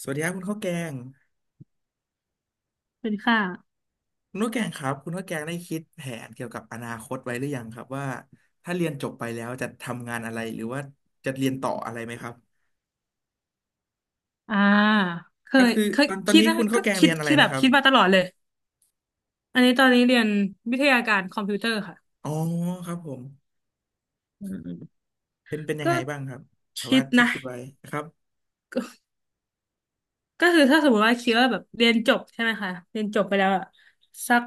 สวัสดีครับคุณข้าวแกงเป็นค่าคุณข้าวแกงครับคุณข้าวแกงได้คิดแผนเกี่ยวกับอนาคตไว้หรือยังครับว่าถ้าเรียนจบไปแล้วจะทำงานอะไรหรือว่าจะเรียนต่ออะไรไหมครับอ่าเคก็ยคือเคยตอนตอนคิดนี้นะคุณข้าก็วแกงคิเรีดยนอะไรคิดแบนะบครับคิดมาตลอดเลย อันนี้ตอนนี้เรียนวิทยาการคอมพิวเตอร์ค่ะ อ๋อครับผมเป็นยังก็ไงบ้างครับแต่คิว่าดที่นะ คิดไว้ครับก็ก็คือถ้าสมมติว่าคิดว่าแบบเรียนจบใช่ไหมคะ เรียนจบไปแล้วอะสัก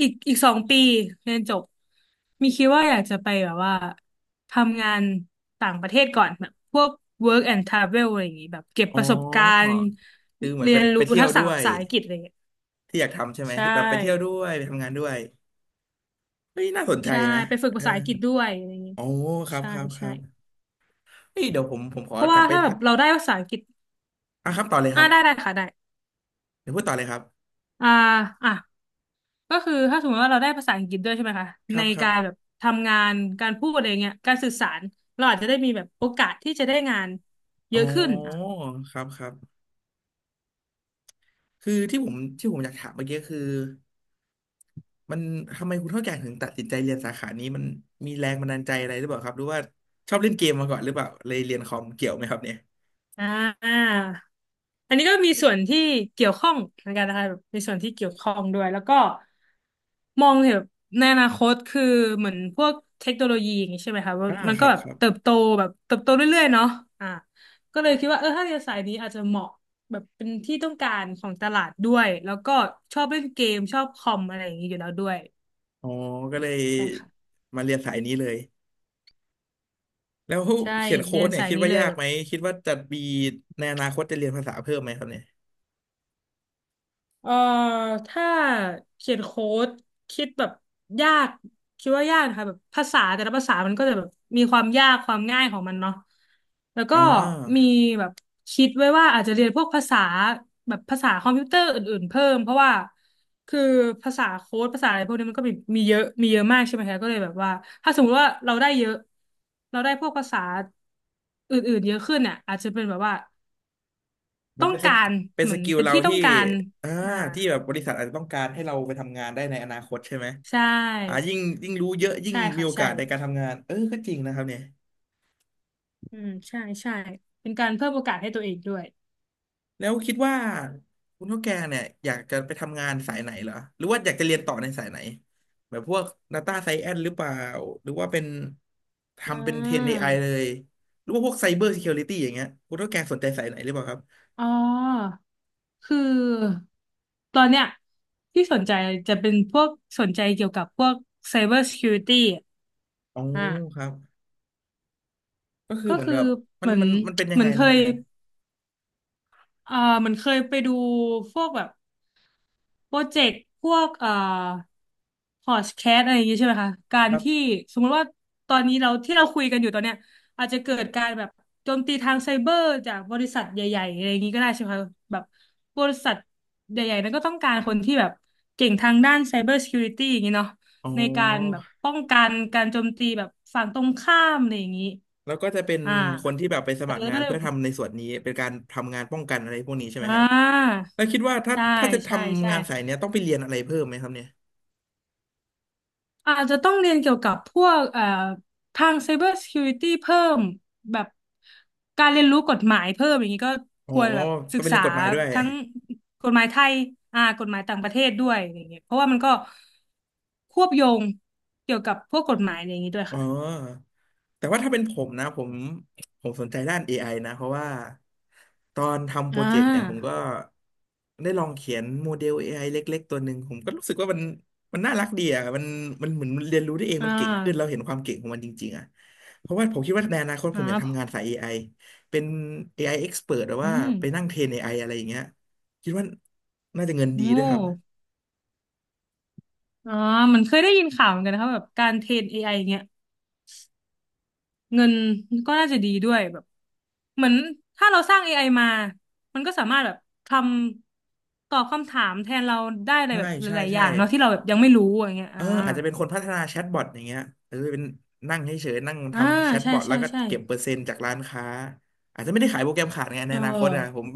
อีก2 ปีเรียนจบ มีคิดว่าอยากจะไปแบบว่าทำงานต่างประเทศก่อนแบบพวก work and travel อะไรอย่างงี้แบบเก็บอ๋อประสบการณ์คือเหมือนเรีไปยนไปรู้เที่ยทัวกษะด้วยภาษาอังกฤษอะไรอย่างเงี้ยที่อยากทำใช่ไหมใชที่แบบไปเที่ยวด้่ วยไปทำงานด้วยเฮ้ยน่าสนใจใช่นะไปฝึกเออภาษาอังกฤษด้วยอะไรอย่างงี้อ๋อครับใช่ครับครัใช่บเฮ้ยเดี๋ยวผมขอเพราะกลัว่าบไปถ้าแบทะบเราได้ภาษาอังกฤษอ่ะครับต่อเลยครับได้ค่ะได้เดี๋ยวพูดต่อเลยครับ อ่าอ่ะก็คือถ้าสมมติว่าเราได้ภาษาอังกฤษด้วยใช่ไหมคะครัในบครับการแบบทำงานการพูดอะไรเงี้ยการสื่อสารเราอาจจะได้มีแบบโอกาสที่จะได้งานเยอ๋ออะขึ้นอ่ะ ครับครับคือที่ผมอยากถามเมื่อกี้คือมันทำไมคุณเท่าแก่ถึงตัดสินใจเรียนสาขานี้มันมีแรงบันดาลใจอะไรหรือเปล่าครับหรือว่าชอบเล่นเกมมาก่อนหรือเปล่าเลยเรียนคอมเกี่ยวไหมครับเนี่ยอ่าอันนี้ก็มีส่วนที่เกี่ยวข้องเหมือนกันนะคะแบบมีส่วนที่เกี่ยวข้องด้วยแล้วก็มองเห็นแบบในอนาคตคือเหมือนพวกเทคโนโลยีอย่างนี้ใช่ไหมคะว่าอ่ามันคก็รับแบบครับเติบโตแบบเติบโตเรื่อยๆเนาะอ่าก็เลยคิดว่าเออถ้าเรียนสายนี้อาจจะเหมาะแบบเป็นที่ต้องการของตลาดด้วย แล้วก็ชอบเล่นเกมชอบคอมอะไรอย่างนี้อยู่แล้วด้วยอ๋อก็เลยใช่ค่ะมาเรียนสายนี้เลยแล้วใช่เขียนโค้เรียดนเนี่ยสายคิดนี้ว่าเลยยากแบบ ไหมคิดว่าจะมีในอนาคตจะเรียนภาษาเพิ่มไหมครับเนี่ยเอ่อถ้าเขียนโค้ดคิดแบบยากคิดว่ายากนะคะแบบภาษาแต่ละภาษามันก็จะแบบมีความยากความง่ายของมันเนาะแล้วก็อ่มีา แบบคิดไว้ว่าอาจจะเรียนพวกภาษาแบบภาษาคอมพิวเตอร์อื่นๆเพิ่มเพราะว่าคือภาษาโค้ดภาษาอะไรพวกนี้มันก็มีเยอะมีเยอะมากใช่ไหมคะก็เลยแบบว่าถ้าสมมติว่าเราได้เยอะเราได้พวกภาษาอื่นๆเยอะขึ้นเนี่ยอาจจะเป็นแบบว่ามันต้องเป็นสกากรเป็นเหสมือนกิลเป็นเราที่ต้อที่งการอ่าอ่า ที่แบบบริษัทอาจจะต้องการให้เราไปทำงานได้ในอนาคตใช่ไหมใชอ่า่ยิ่งรู้เยอะยิ่งใช่มีค่ะโอใช่กาสในการทำงานเออก็จริงนะครับเนี่ยอืมใช่ใช่เป็นการเพิ่มโอกาสให้ตัวเองด้วยแล้วคิดว่าคุณเท่าแกเนี่ยอยากจะไปทำงานสายไหนเหรอหรือว่าอยากจะเรียนต่อในสายไหนแบบพวก Data Science หรือเปล่าหรือว่าเป็นอ่ทำเป็นเทรนเอาไ i เลยหรือว่าพวก Cyber Security อย่างเงี้ยคุณเท่าแกสนใจสายไหนหรือเปล่าครับอ๋อ คือตอนเนี้ยที่สนใจจะเป็นพวกสนใจเกี่ยวกับพวก Cyber Security อะอ๋ออ่ะครับก็คือก็เหมือนคือแบบมัเหนมือนมันมันเป็นยัเหงมืไงอนเคนะครับยเนี่ยเหมือนเคยไปดูพวกแบบ โปรเจกต์พวกพอดแคสต์อะไรอย่างงี้ใช่ไหมคะการครัที่บสมมุติว่าตอนนี้เราที่เราคุยกันอยู่ตอนเนี้ยอาจจะเกิดการแบบโจมตีทางไซเบอร์จากบริษัทใหญ่ๆอะไรอย่างงี้ก็ได้ใช่ไหมคะแบบบริษัทใหญ่ๆนั้นก็ต้องการคนที่แบบเก่งทางด้านไซเบอร์ซิเคียวริตี้อย่างงี้เนาะอ๋ในการแบบอ ป้องกันการโจมตีแบบฝั่งตรงข้ามอะไรอย่างงี้แล้วก็จะเป็นอ่าคนที่แบบไปสอาจมัคจะรงาไม่นได้เพื่อทำในส่วนนี้เป็นการทำงานป้องกันอะไรพวกนี้ใช่ไหมครัอ่าบแล้วคิดว่าถ้าใช่ถ้าจะทใช่ำใช่งานสายเนี้ค่ะ ยต้องไปเรียนอะไรเพิ่มไหมครับเนี่ยอาจจะต้องเรียนเกี่ยวกับพวกทาง Cyber Security เพิ่มแบบการเรียนรู้กฎหมายเพิ่มอย่างนี้ก็อ๋อควรแบบต้ศึอกงไปเรีษายนกฎหมายด้วย ทั้งกฎหมายไทยกฎหมายต่างประเทศด้วยอย่างเงี้ยเพราะว่ามันก็ควบโยงเกี่ยวกับพวกกฎหมายอย่างนี้ด้วยอ๋ค่ะอแต่ว่าถ้าเป็นผมนะผมสนใจด้าน AI นะเพราะว่าตอนทำโปรอ่เจกต์เนี่ยผมาก็ได้ลองเขียนโมเดล AI เล็กๆตัวหนึ่งผมก็รู้สึกว่ามันน่ารักดีอ่ะมันเหมือนมันเรียนรู้ได้เองอ่มันเก่งขึ้นเราาเห็นความเก่งของมันจริงๆอ่ะเพราะว่าผมคิดว่าในอนาคตผมอยากทำงาอ่านสาย AI เป็น AI expert หรืออืว่ามไปนั่งเทรน AI อไออะไรอย่างเงี้ยคิดว่าน่าจะเงินโอดีด้วยครับ้อ่ามันเคยได้ยินข่าวเหมือนกันนะครับแบบการเทรน AI อไออย่างเงี้ย เงินก็น่าจะดีด้วยแบบเหมือนถ้าเราสร้าง AI มา มันก็สามารถแบบทำตอบคำถามแทนเราได้อะไรใช่แบบหใช่ลายๆอใช่ ย่างเนาะที่เราแบบยังไม่รู้อย่างเงี้ยเออ่าออาจจะเป็นคนพัฒนาแชทบอทอย่างเงี้ยเอาเป็นนั่งเฉยๆนั่งอ่าทำแชทใช่บอทแล้ใช่วก็ใช่เก็บเปอร์เซ็นต์จากร้านค้าอาจจะไม่ได้ขายโปรแกรมขาดไงในเออนาคตอ่ะผอม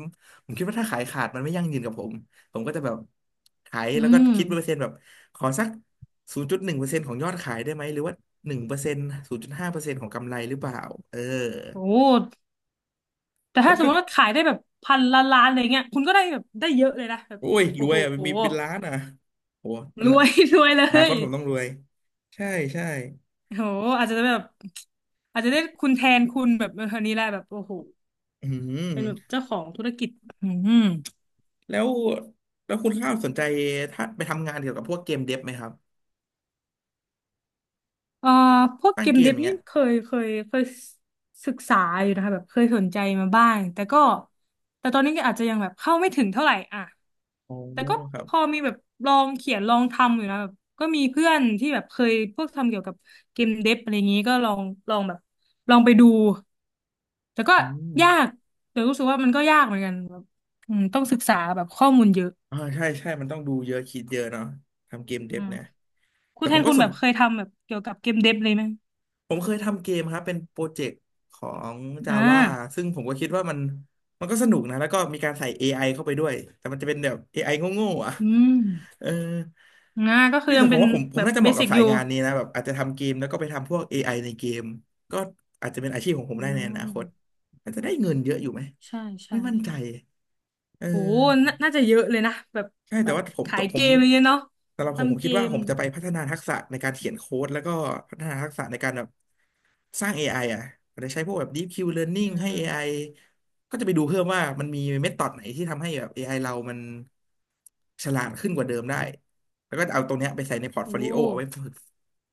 ผมคิดว่าถ้าขายขาดมันไม่ยั่งยืนกับผมผมก็จะแบบขายอืแล้วก็มคิดเปอร์เซ็นต์แบบขอสักศูนย์จุดหนึ่งเปอร์เซ็นต์ของยอดขายได้ไหมหรือว่าหนึ่งเปอร์เซ็นต์ศูนย์จุดห้าเปอร์เซ็นต์ของกำไรหรือเปล่าเออโอ้แต่ก็ถ้าสมคืมอติว่าขายได้แบบพันล้านล้านอะไรเงี้ยคุณก็ได้แบบได้เยอะเลยนะแบบโอ้ยรโอ้วยโหอ่ะมีเป็นล้านอ่ะโหอรนาวย รวยเลอนาคยตผมต้องรวยใช่ใช่โอ้โหอาจจะแบบอาจจะได้คุณแทนคุณแบบเออคนนี้แหละแบบโอ้โหอืม เป็นแบบเจ้าของธุรกิจอืม แล้วแล้วคุณข้าวสนใจถ้าไปทำงานเกี่ยวกับพวกเกมเดฟไหมครับเอ่อพวกสร้าเกงมเกเดมอฟย่างนี่เงี้ยเคยเคยศึกษาอยู่นะคะแบบเคยสนใจมาบ้างแต่ก็แต่ตอนนี้ก็อาจจะยังแบบเข้าไม่ถึงเท่าไหร่อ่ะโอ้แต่ก็ครับพอมีแบบลองเขียนลองทำอยู่นะแบบก็มีเพื่อนที่แบบเคยพวกทำเกี่ยวกับเกมเดฟอะไรอย่างนี้ก็ลองแบบลองไปดูแต่ก็อืมยากแต่รู้สึกว่ามันก็ยากเหมือนกันแบบอืมต้องศึกษาแบบข้อมูลเยอะอ่าใช่มันต้องดูเยอะคิดเยอะเนาะทำเกมเดอืฟมเนี่ยคุแต่ณแทผมนก็คุณสแบนบเคยทำแบบเกี่ยวกับเกมเดฟเลยไหมผมเคยทำเกมครับเป็นโปรเจกต์ของ อ่า Java ซึ่งผมก็คิดว่ามันก็สนุกนะแล้วก็มีการใส่ AI เข้าไปด้วยแต่มันจะเป็นแบบ AI โง่ๆอ่ะ อืม เออนะก็คืเฮ้อยยัแต่งผเป็มนว่าผมผแบมบน่าจะเหเบมาะกัสิบกสาอยยู่งานนี้นะแบบอาจจะทำเกมแล้วก็ไปทำพวก AI ในเกมก็อาจจะเป็นอาชีพของผมอืได้ในอนาคตมอาจจะได้เงินเยอะอยู่ไหมใช่ใช่ไม่มั่นใจเอโอ้อ นาน่าจะเยอะเลยนะแบบใช่แบแต่บว่าผมขายผเกมมอะไรเงี้ยเนาะสำหรับผมผมทำเกคิดว่ามผมจะไปพัฒนาทักษะในการเขียนโค้ดแล้วก็พัฒนาทักษะในการแบบสร้าง AI อไออ่ะอาจจะใช้พวกแบบ Deep Q อ่ Learning ให้ AI าก็จะไปดูเพิ่มว่ามันมีเมธอดไหนที่ทำให้แบบ AI เรามันฉลาดขึ้นกว่าเดิมได้แล้วก็เอาตรงเนี้ยไปใส่ในพอร์ตโอโฟลิโอเอาไว้้ฝึก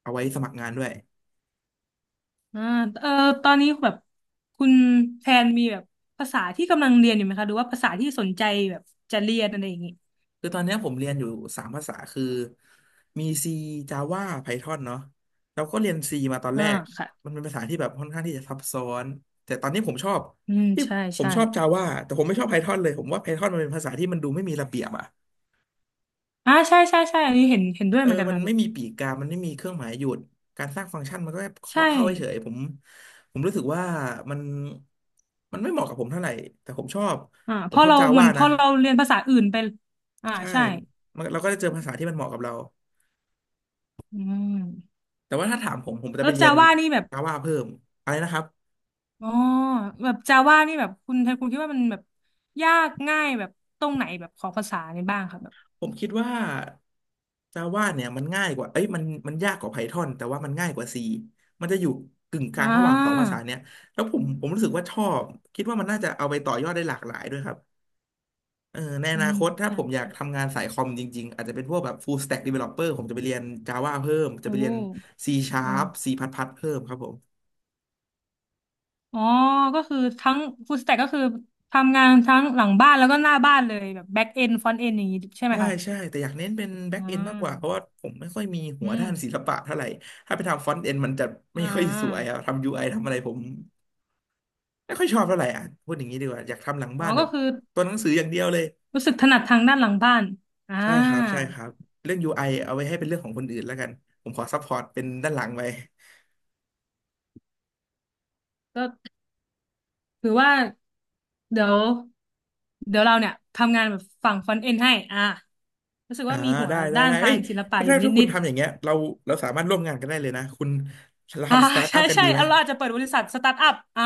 เอาไว้สมัครงานด้วย อ่าเออตอนนี้แบบคุณแพนมีแบบภาษาที่กำลังเรียนอยู่ไหมคะหรือว่าภาษาที่สนใจแบบจะเรียนอะไรอย่างงี้คือตอนเนี้ยผมเรียนอยู่สามภาษาคือมี C Java Python เนาะเราก็เรียน C มาตอนอ่าแรกค่ะมันเป็นภาษาที่แบบค่อนข้างที่จะซับซ้อนแต่ตอนนี้ผมชอบอืมที่ใช่ผมใช่ชอบ Java แต่ผมไม่ชอบ Python เลยผมว่า Python มันเป็นภาษาที่มันดูไม่มีระเบียบอะอ่าใช่ใช่ใช่อันนี้เห็นเห็นด้วยเหมือนกันมันค่ะแบไม่บมีปีกกามันไม่มีเครื่องหมายหยุดการสร้างฟังก์ชันมันก็แค่ใช่เคาะเข้าเฉยๆผมรู้สึกว่ามันมันไม่เหมาะกับผมเท่าไหร่แต่ผมชอบผพมอชอบ เราเหมื Java อนพนะอเราเรียนภาษาอื่นไปใช่ใช่มันเราก็จะเจอภาษาที่มันเหมาะกับเรา อืมแต่ว่าถ้าถามผมผมจะแล้ไปวเรียจาน ว่านี่แบบ Java เพิ่มอะไรนะครับอ๋อแบบจาว่านี่แบบคุณไทยคุณคิดว่ามันแบบยากง่ายแบบตรงไหนแบบของภาษานี่บ้างครับแบบผมคิดว่า Java เนี่ยมันง่ายกว่าเอ้ยมันมันยากกว่า Python แต่ว่ามันง่ายกว่า C มันจะอยู่กึ่งกลาอ่งระหว่างสองภาาษาเนี่ยแล้วผมรู้สึกว่าชอบคิดว่ามันน่าจะเอาไปต่อยอดได้หลากหลายด้วยครับในออืนามคตถ้าใช่ผมอยากใช่ทำงานสายคอมจริงๆอาจจะเป็นพวกแบบ full stack developer ผมจะไปเรียน Java เพิ่มจะโอไปเรียน ้ C sharp อ่า C++ เพิ่มครับผม อ๋อก็คือทั้งฟูลสแต็กก็คือทำงานทั้งหลังบ้านแล้วก็หน้าบ้านเลยแบบแบ็กเอนฟรอนต์เอนอย่างนี้ใช่ไหมใช่คะใช่แต่อยากเน้นเป็นแบ็อ่กเอนมากกว่าเพราะาว่าผมไม่ค่อยมีหัวอืมด้านศิลปะเท่าไหร่ถ้าไปทำฟอนต์เอนมันจะอ่ไม่ค่อยสวยาอะทำยูไอทำอะไรผมไม่ค่อยชอบเท่าไหร่อ่ะพูดอย่างนี้ดีกว่าอยากทำหลังอ๋อบ้านแบก็บคือตัวหนังสืออย่างเดียวเลยรู้สึกถนัดทางด้านหลังบ้านอ่าใช่ครับใช่ครับเรื่องยูไอเอาไว้ให้เป็นเรื่องของคนอื่นแล้วกันผมขอซัพพอร์ตเป็นด้านหลังไปก็ถือว่า เดี๋ยวเดี๋ยวเราเนี่ยทำงานแบบฝั่งฟอนต์เอ็นให้อ่ะรู้สึกอ่าว่ามีหัวได้ได้ด้านได้ทาเอ้งยศิลปะถ้าอถ้ายู่ถ้าคุนิณดทำอย่างเงี้ยเราสามารถร่วมงานกันได้เลยนะคุณเราๆทำสตาร์ ทอัใช่พกันใช่ดีไหม เอาเราอาจจะเปิดบริษัทสตาร์ทอัพ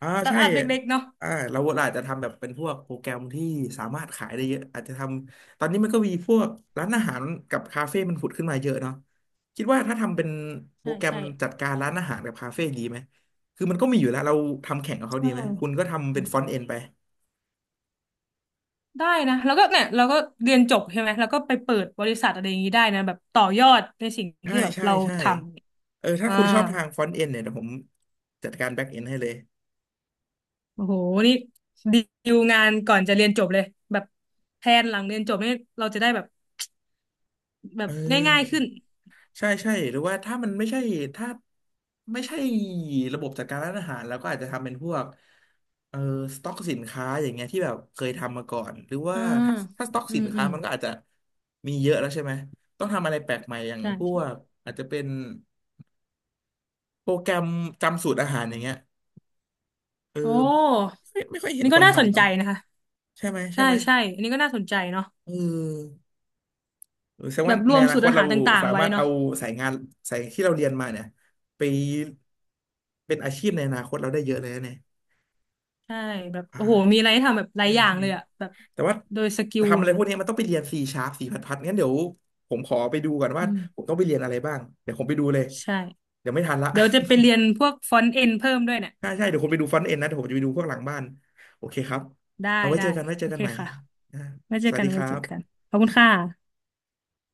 อ่าสตาร์ทใช่อัพเล็กๆเนาะเราอาจจะทำแบบเป็นพวกโปรแกรมที่สามารถขายได้เยอะอาจจะทำตอนนี้มันก็มีพวกร้านอาหารกับคาเฟ่มันผุดขึ้นมาเยอะเนาะคิดว่าถ้าทำเป็นโปรใช่แกรมใช่จัดการร้านอาหารกับคาเฟ่ดีไหมคือมันก็มีอยู่แล้วเราทำแข่งกับเขาเอดีไหมคุณก็ทำเป็นฟรอนต์เอนไปได้นะแล้วก็เนี่ยเราก็เรียนจบใช่ไหมแล้วก็ไปเปิดบริษัทอะไรอย่างนี้ได้นะแบบต่อยอดในสิ่งใช่ที่แบบใช่เราใช่ทำถ้าคุณชอบทางฟรอนต์เอนเนี่ยเดี๋ยวผมจัดการแบ็กเอนให้เลยโอ้โหนี่ดีลงานก่อนจะเรียนจบเลยแบบแพลนหลังเรียนจบนี่เราจะได้แบบแบเอบอ ง่ายๆขึ้น ใช่ใช่หรือว่าถ้ามันไม่ใช่ถ้าไม่ใช่ระบบจัดการร้านอาหารแล้วก็อาจจะทำเป็นพวกเออสต็อกสินค้าอย่างเงี้ยที่แบบเคยทำมาก่อนหรือว่าอ่าถ้าถ้าสต็อกอืสิมนอืค้ามมันก็อาจจะมีเยอะแล้วใช่ไหมต้องทำอะไรแปลกใหม่อย่างใช่พวใช่กอาจจะเป็นโปรแกรมจำสูตรอาหารอย่างเงี้ยเออโอ้ไม่ค่อยเห็นนี่คก็นน่าสนทำใจเนาะนะคะ ใช่ไหมใช่ใช่ไหมใช่อันนี้ก็น่าสนใจเนาะเออ แสดงแบว่าบรในวมอนาสูตครตอาเราหารต่างสาๆไว้มารถเนาะเอาสายงานสายที่เราเรียนมาเนี่ยไปเป็นอาชีพในอนาคตเราได้เยอะเลยนะเนี่ยใช่แบบโอ้โหมีอ่าอะไรให้ทำแบบหลาใช่ยอย่างใช่เลยอะแบบแต่ว่าโดยสกิลทำออะย่าไรงพเงี้วยกนี้มันต้องไปเรียน C sharp สีพัดพัดงั้นเดี๋ยวผมขอไปดูก่อนว่าอืผมมต้องไปเรียนอะไรบ้างเดี๋ยวผมไปดูเลยใช่เดี๋ยวไม่ทันละ เดี๋ยวจะไปเรียนพวกฟอนต์เอ็นเพิ่มด้วยเนี่ย ใช่ใช่เดี๋ยวผมไปดูฟรอนต์เอ็นนะเดี๋ยวผมจะไปดูพวกหลังบ้านโอเคครับได้เอาไว้ได้เจอกันไว้เจโออกัเคนใหม่ค่ะอ่าไว้เจสอวัสกันดีคไว้รัเจอกันบขอบคุณค่ะ